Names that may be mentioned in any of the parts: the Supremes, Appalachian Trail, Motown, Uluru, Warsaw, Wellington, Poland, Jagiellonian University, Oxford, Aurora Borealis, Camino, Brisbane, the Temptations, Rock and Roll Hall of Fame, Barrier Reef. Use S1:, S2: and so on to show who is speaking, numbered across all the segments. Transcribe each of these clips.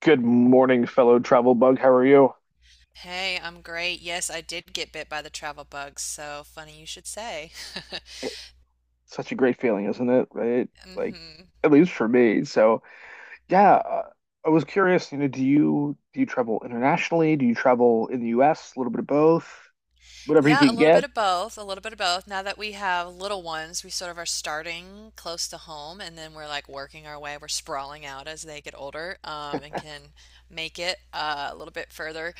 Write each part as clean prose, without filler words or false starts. S1: Good morning, fellow travel bug. How are you?
S2: Hey, I'm great. Yes, I did get bit by the travel bug, so funny you should say.
S1: It's such a great feeling, isn't it? Right? Like,
S2: hmm
S1: at least for me. So, yeah, I was curious, you know, do you travel internationally? Do you travel in the US? A little bit of both, whatever you
S2: Yeah, a
S1: can
S2: little bit
S1: get.
S2: of both, a little bit of both. Now that we have little ones, we sort of are starting close to home, and then we're like working our way, we're sprawling out as they get older, and can make it a little bit further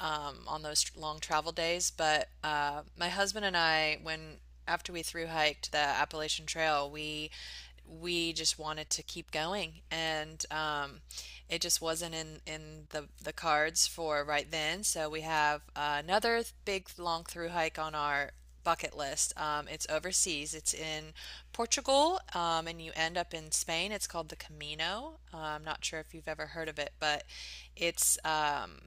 S2: on those long travel days. But my husband and I, when after we thru hiked the Appalachian Trail, we just wanted to keep going and it just wasn't in the cards for right then, so we have another big long through hike on our bucket list. It's overseas, it's in Portugal, and you end up in Spain. It's called the Camino. I'm not sure if you've ever heard of it, but it's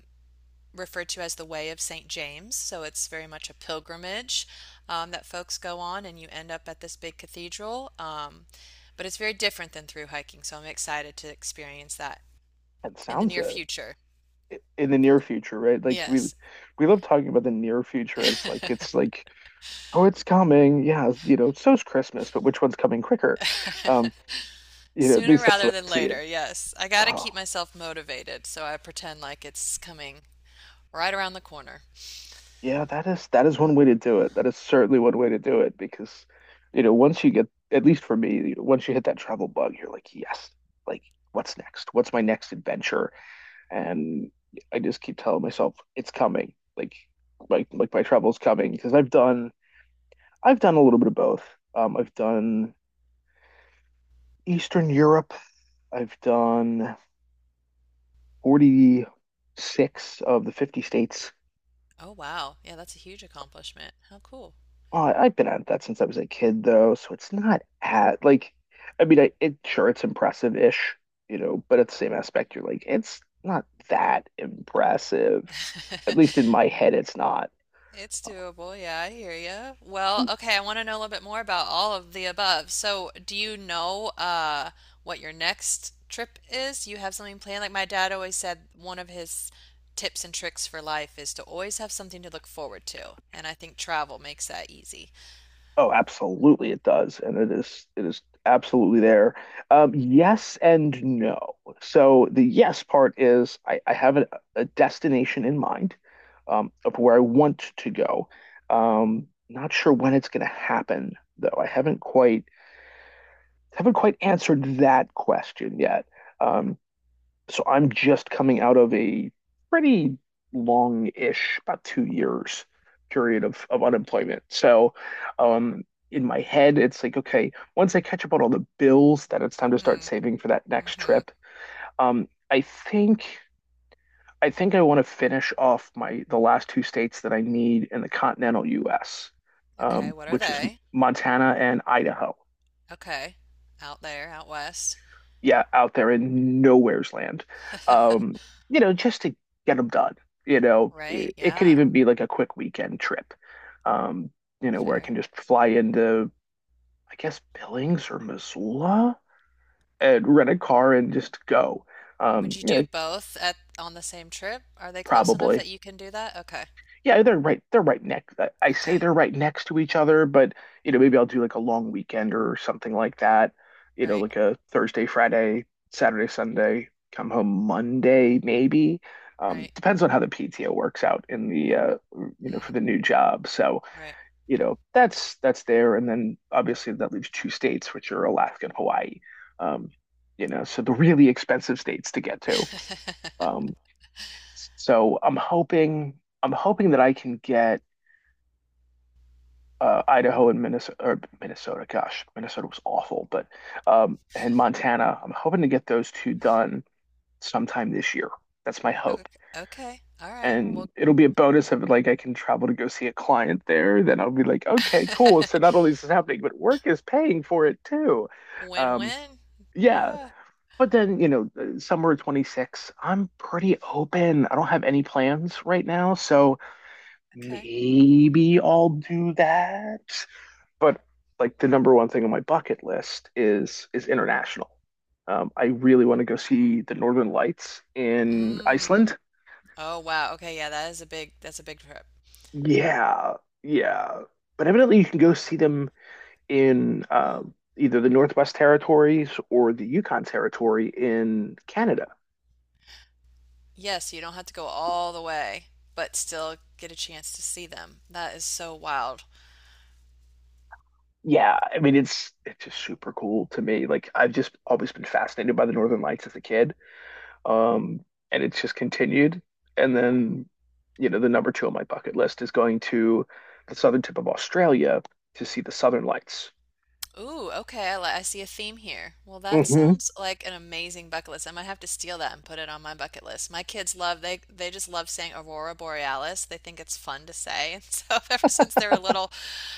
S2: referred to as the Way of St. James. So it's very much a pilgrimage that folks go on, and you end up at this big cathedral. But it's very different than through hiking, so I'm excited to experience that
S1: That
S2: in the
S1: sounds
S2: near
S1: it.
S2: future.
S1: In the near future, right? Like we
S2: Yes.
S1: we love talking about the near future as like it's like, oh, it's coming. Yeah, you know, so's Christmas, but which one's coming quicker? Um, you know, at
S2: Sooner
S1: least that's the way
S2: rather than
S1: I see it.
S2: later, yes. I gotta
S1: Oh,
S2: keep myself motivated, so I pretend like it's coming right around the corner.
S1: yeah, that is one way to do it. That is certainly one way to do it because, you know, once you get, at least for me, once you hit that travel bug, you're like, yes, like what's next? What's my next adventure? And I just keep telling myself it's coming. Like my travel's coming because I've done a little bit of both. I've done Eastern Europe. I've done 46 of the 50 states.
S2: Oh, wow. Yeah, that's a huge accomplishment. How cool.
S1: Oh, I've been at that since I was a kid, though, so it's not at like, I mean, I it sure it's impressive-ish, you know, but at the same aspect, you're like, it's not that impressive. At least in my head, it's not.
S2: It's doable. Yeah, I hear you. Well,
S1: Mm.
S2: okay, I want to know a little bit more about all of the above. So, do you know what your next trip is? You have something planned? Like my dad always said, one of his tips and tricks for life is to always have something to look forward to, and I think travel makes that easy.
S1: Oh, absolutely, it does, and it is absolutely there. Yes and no. So the yes part is I have a destination in mind, of where I want to go. Not sure when it's going to happen though. I haven't quite answered that question yet. Um, so I'm just coming out of a pretty long-ish, about 2 years period of unemployment. So, um, in my head, it's like, okay, once I catch up on all the bills, then it's time to start
S2: Hmm.
S1: saving for that next
S2: Mm-hmm.
S1: trip. Um, I think I think I want to finish off my the last two states that I need in the continental US,
S2: Okay, what are
S1: which is
S2: they?
S1: Montana and Idaho.
S2: Okay. Out there, out west.
S1: Yeah, out there in nowhere's land. Um, you know, just to get them done. You know,
S2: Right,
S1: it could
S2: yeah.
S1: even be like a quick weekend trip. Um, you know, where I
S2: Fair.
S1: can just fly into, I guess, Billings or Missoula and rent a car and just go.
S2: Would
S1: Um,
S2: you
S1: you
S2: do
S1: know,
S2: both at on the same trip? Are they close enough
S1: Probably.
S2: that you can do that? Okay.
S1: Yeah, They're right next. I say
S2: Okay.
S1: they're right next to each other, but you know, maybe I'll do like a long weekend or something like that. You know,
S2: Right,
S1: like a Thursday, Friday, Saturday, Sunday, come home Monday, maybe.
S2: right.
S1: Depends on how the PTO works out in the you know, for
S2: Mm,
S1: the new job. So,
S2: right.
S1: you know, that's there. And then obviously that leaves two states, which are Alaska and Hawaii. Um, you know, so the really expensive states to get to. Um, so I'm hoping I'm hoping that I can get Idaho and Minnesota, or Minnesota, gosh, Minnesota was awful, but and Montana. I'm hoping to get those two done sometime this year. That's my
S2: Ok
S1: hope.
S2: okay, alright,
S1: And
S2: well.
S1: it'll be a bonus if like I can travel to go see a client there. Then I'll be like, okay, cool. So not only is this happening, but work is paying for it too. Um,
S2: Win-win.
S1: yeah.
S2: Yeah,
S1: But then, you know, summer of 26, I'm pretty open. I don't have any plans right now, so
S2: okay.
S1: maybe I'll do that, but like the number one thing on my bucket list is international. I really want to go see the Northern Lights in
S2: Mm.
S1: Iceland.
S2: Oh, wow, okay, yeah, that is a big, that's a big trip.
S1: Yeah, yeah. But evidently, you can go see them in either the Northwest Territories or the Yukon Territory in Canada.
S2: Yes, you don't have to go all the way, but still get a chance to see them. That is so wild.
S1: Yeah, I mean it's just super cool to me. Like I've just always been fascinated by the Northern Lights as a kid. Um, and it's just continued. And then, you know, the number two on my bucket list is going to the southern tip of Australia to see the Southern Lights.
S2: Ooh, okay. I, li- I see a theme here. Well, that
S1: Hmm.
S2: sounds like an amazing bucket list. I might have to steal that and put it on my bucket list. My kids love, they just love saying Aurora Borealis. They think it's fun to say. And so ever since they were little,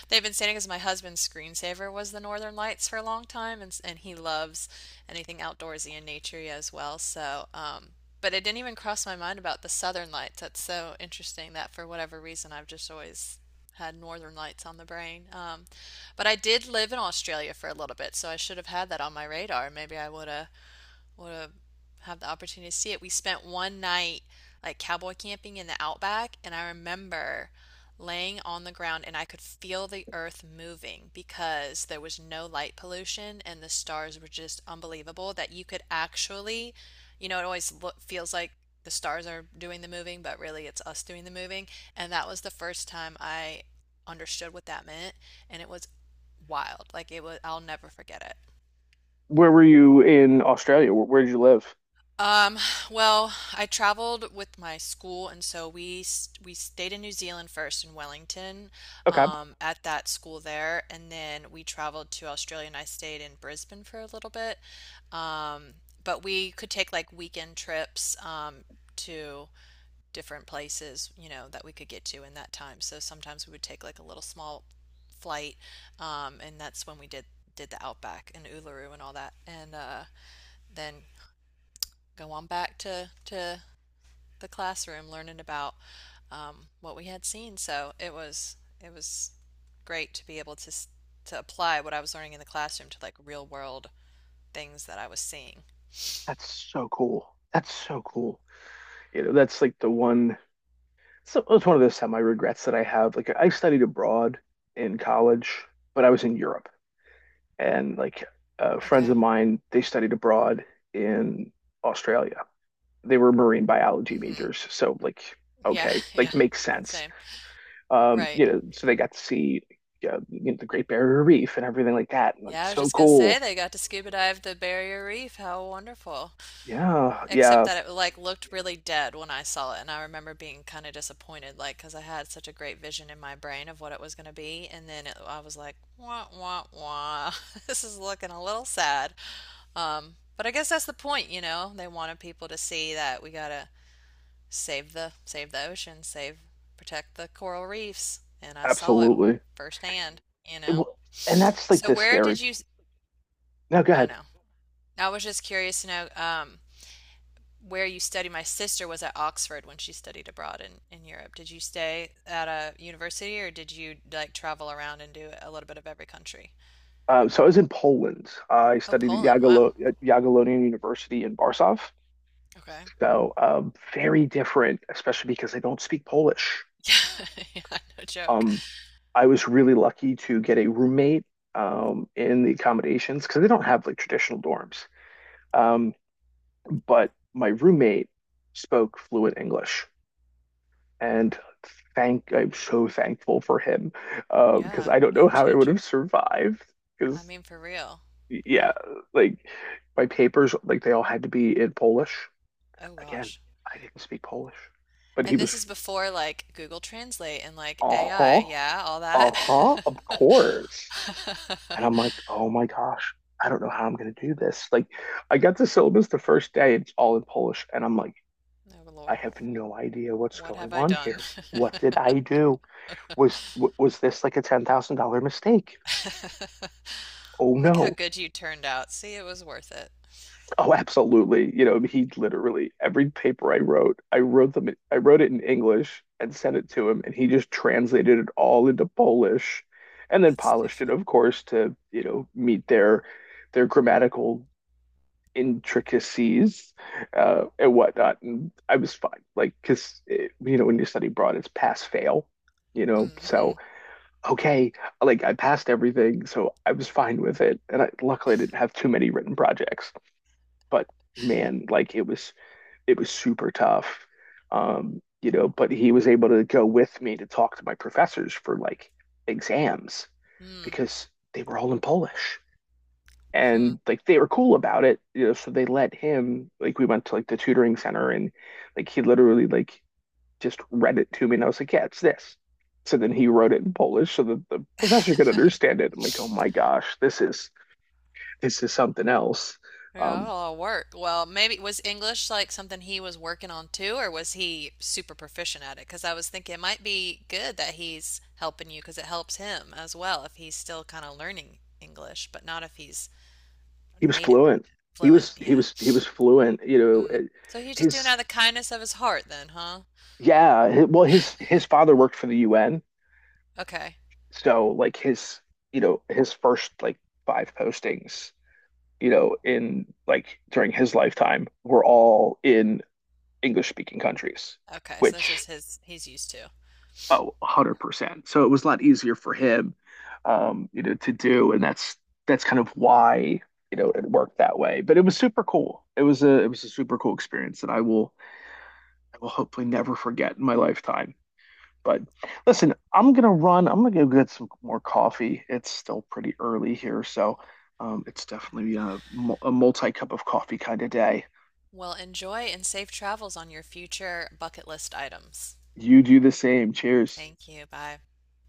S2: they've been saying it, because my husband's screensaver was the Northern Lights for a long time, and s- and he loves anything outdoorsy and naturey as well. So, but it didn't even cross my mind about the Southern Lights. That's so interesting that for whatever reason I've just always had Northern Lights on the brain. But I did live in Australia for a little bit, so I should have had that on my radar. Maybe I would have the opportunity to see it. We spent one night like cowboy camping in the outback, and I remember laying on the ground and I could feel the earth moving because there was no light pollution and the stars were just unbelievable that you could actually, you know, it always look, feels like the stars are doing the moving, but really it's us doing the moving. And that was the first time I understood what that meant, and it was wild. Like it was, I'll never forget it.
S1: Where were you in Australia? Where did you live?
S2: Um, well, I traveled with my school, and so we s- we stayed in New Zealand first in Wellington,
S1: Okay,
S2: at that school there, and then we traveled to Australia, and I stayed in Brisbane for a little bit. Um, but we could take like weekend trips, to different places, you know, that we could get to in that time. So sometimes we would take like a little small flight, and that's when we did the Outback and Uluru and all that, and then go on back to the classroom learning about what we had seen. So it was great to be able to apply what I was learning in the classroom to like real world things that I was seeing.
S1: that's so cool. That's so cool. You know, that's like the one. So it's one of those semi regrets that I have. Like I studied abroad in college, but I was in Europe, and like friends of
S2: Okay.
S1: mine, they studied abroad in Australia, they were marine biology
S2: Mm-hmm.
S1: majors, so like
S2: Yeah,
S1: okay,
S2: yeah.
S1: like makes sense.
S2: Same. Right.
S1: You know, so they got to see yeah, you know, the Great Barrier Reef and everything like that. And, like,
S2: Yeah, I was
S1: so
S2: just gonna say
S1: cool.
S2: they got to scuba dive the Barrier Reef. How wonderful.
S1: Yeah,
S2: Except
S1: yeah,
S2: that it like looked really dead when I saw it, and I remember being kind of disappointed, like because I had such a great vision in my brain of what it was going to be, and then it, I was like, wah wah wah, this is looking a little sad. But I guess that's the point, you know. They wanted people to see that we gotta save the ocean, save protect the coral reefs, and I saw it
S1: absolutely.
S2: firsthand, you
S1: It
S2: know.
S1: will- and that's like
S2: So
S1: the
S2: where
S1: scary.
S2: did you?
S1: No, go
S2: I
S1: ahead.
S2: know. I was just curious to know. Where you study. My sister was at Oxford when she studied abroad in Europe. Did you stay at a university or did you like travel around and do a little bit of every country?
S1: So I was in Poland. I
S2: Oh,
S1: studied at
S2: Poland. Wow.
S1: Jagiellonian University in Warsaw.
S2: Okay.
S1: So very different, especially because they don't speak Polish.
S2: Yeah, no joke.
S1: Um, I was really lucky to get a roommate in the accommodations because they don't have like traditional dorms. Um, but my roommate spoke fluent English, and thank I'm so thankful for him, because
S2: Yeah,
S1: I don't know
S2: game
S1: how I would
S2: changer.
S1: have survived.
S2: I
S1: Because
S2: mean, for real.
S1: yeah, like my papers, like they all had to be in Polish.
S2: Oh
S1: Again,
S2: gosh.
S1: I didn't speak Polish, but he
S2: And
S1: was
S2: this is before like Google Translate and like
S1: uh-huh,
S2: AI, yeah, all that.
S1: uh-huh, of course. And I'm like, oh my gosh, I don't know how I'm gonna do this. Like, I got the syllabus the first day, it's all in Polish, and I'm like,
S2: Oh
S1: I
S2: Lord,
S1: have no idea what's
S2: what
S1: going
S2: have I
S1: on
S2: done?
S1: here. What did I do? Was was this like a $10,000 mistake? Oh
S2: Look how
S1: no.
S2: good you turned out. See, it was worth it.
S1: Oh, absolutely. You know, he literally every paper I wrote, I wrote it in English and sent it to him, and he just translated it all into Polish and then
S2: That's so
S1: polished it,
S2: funny.
S1: of course, to, you know, meet their grammatical intricacies, and whatnot. And I was fine, like, because, you know, when you study abroad, it's pass fail, you know.
S2: Mm-hmm.
S1: So, okay, like I passed everything, so I was fine with it. And luckily, I didn't have too many written projects, but man, like, it was super tough. You know, but he was able to go with me to talk to my professors for like exams
S2: Mm-hmm.
S1: because they were all in Polish, and like they were cool about it, you know, so they let him, like we went to like the tutoring center, and like he literally like just read it to me, and I was like yeah it's this, so then he wrote it in Polish so that the professor could understand it. I'm like oh my gosh, this is something else.
S2: Yeah,
S1: um
S2: that'll work. Well, maybe was English like something he was working on too, or was he super proficient at it? Because I was thinking it might be good that he's helping you because it helps him as well if he's still kind of learning English, but not if he's
S1: he was
S2: native,
S1: fluent.
S2: fluent. Yeah.
S1: He was fluent, you know.
S2: Mm.
S1: It-
S2: So he's just doing it
S1: his
S2: out of the kindness of his heart then, huh?
S1: yeah hi- well His father worked for the UN,
S2: Okay.
S1: so like his, you know, his first like five postings, you know, in like during his lifetime, were all in English speaking countries,
S2: Okay. So that's
S1: which,
S2: just his, he's used to.
S1: oh, 100%. So it was a lot easier for him, you know, to do. And that's kind of why, you know, it worked that way. But it was super cool. It was a super cool experience that I will hopefully never forget in my lifetime. But listen, I'm gonna run. I'm gonna go get some more coffee. It's still pretty early here, so it's definitely a a multi cup of coffee kind of day.
S2: Well, enjoy and safe travels on your future bucket list items.
S1: You do the same. Cheers.
S2: Thank you. Bye.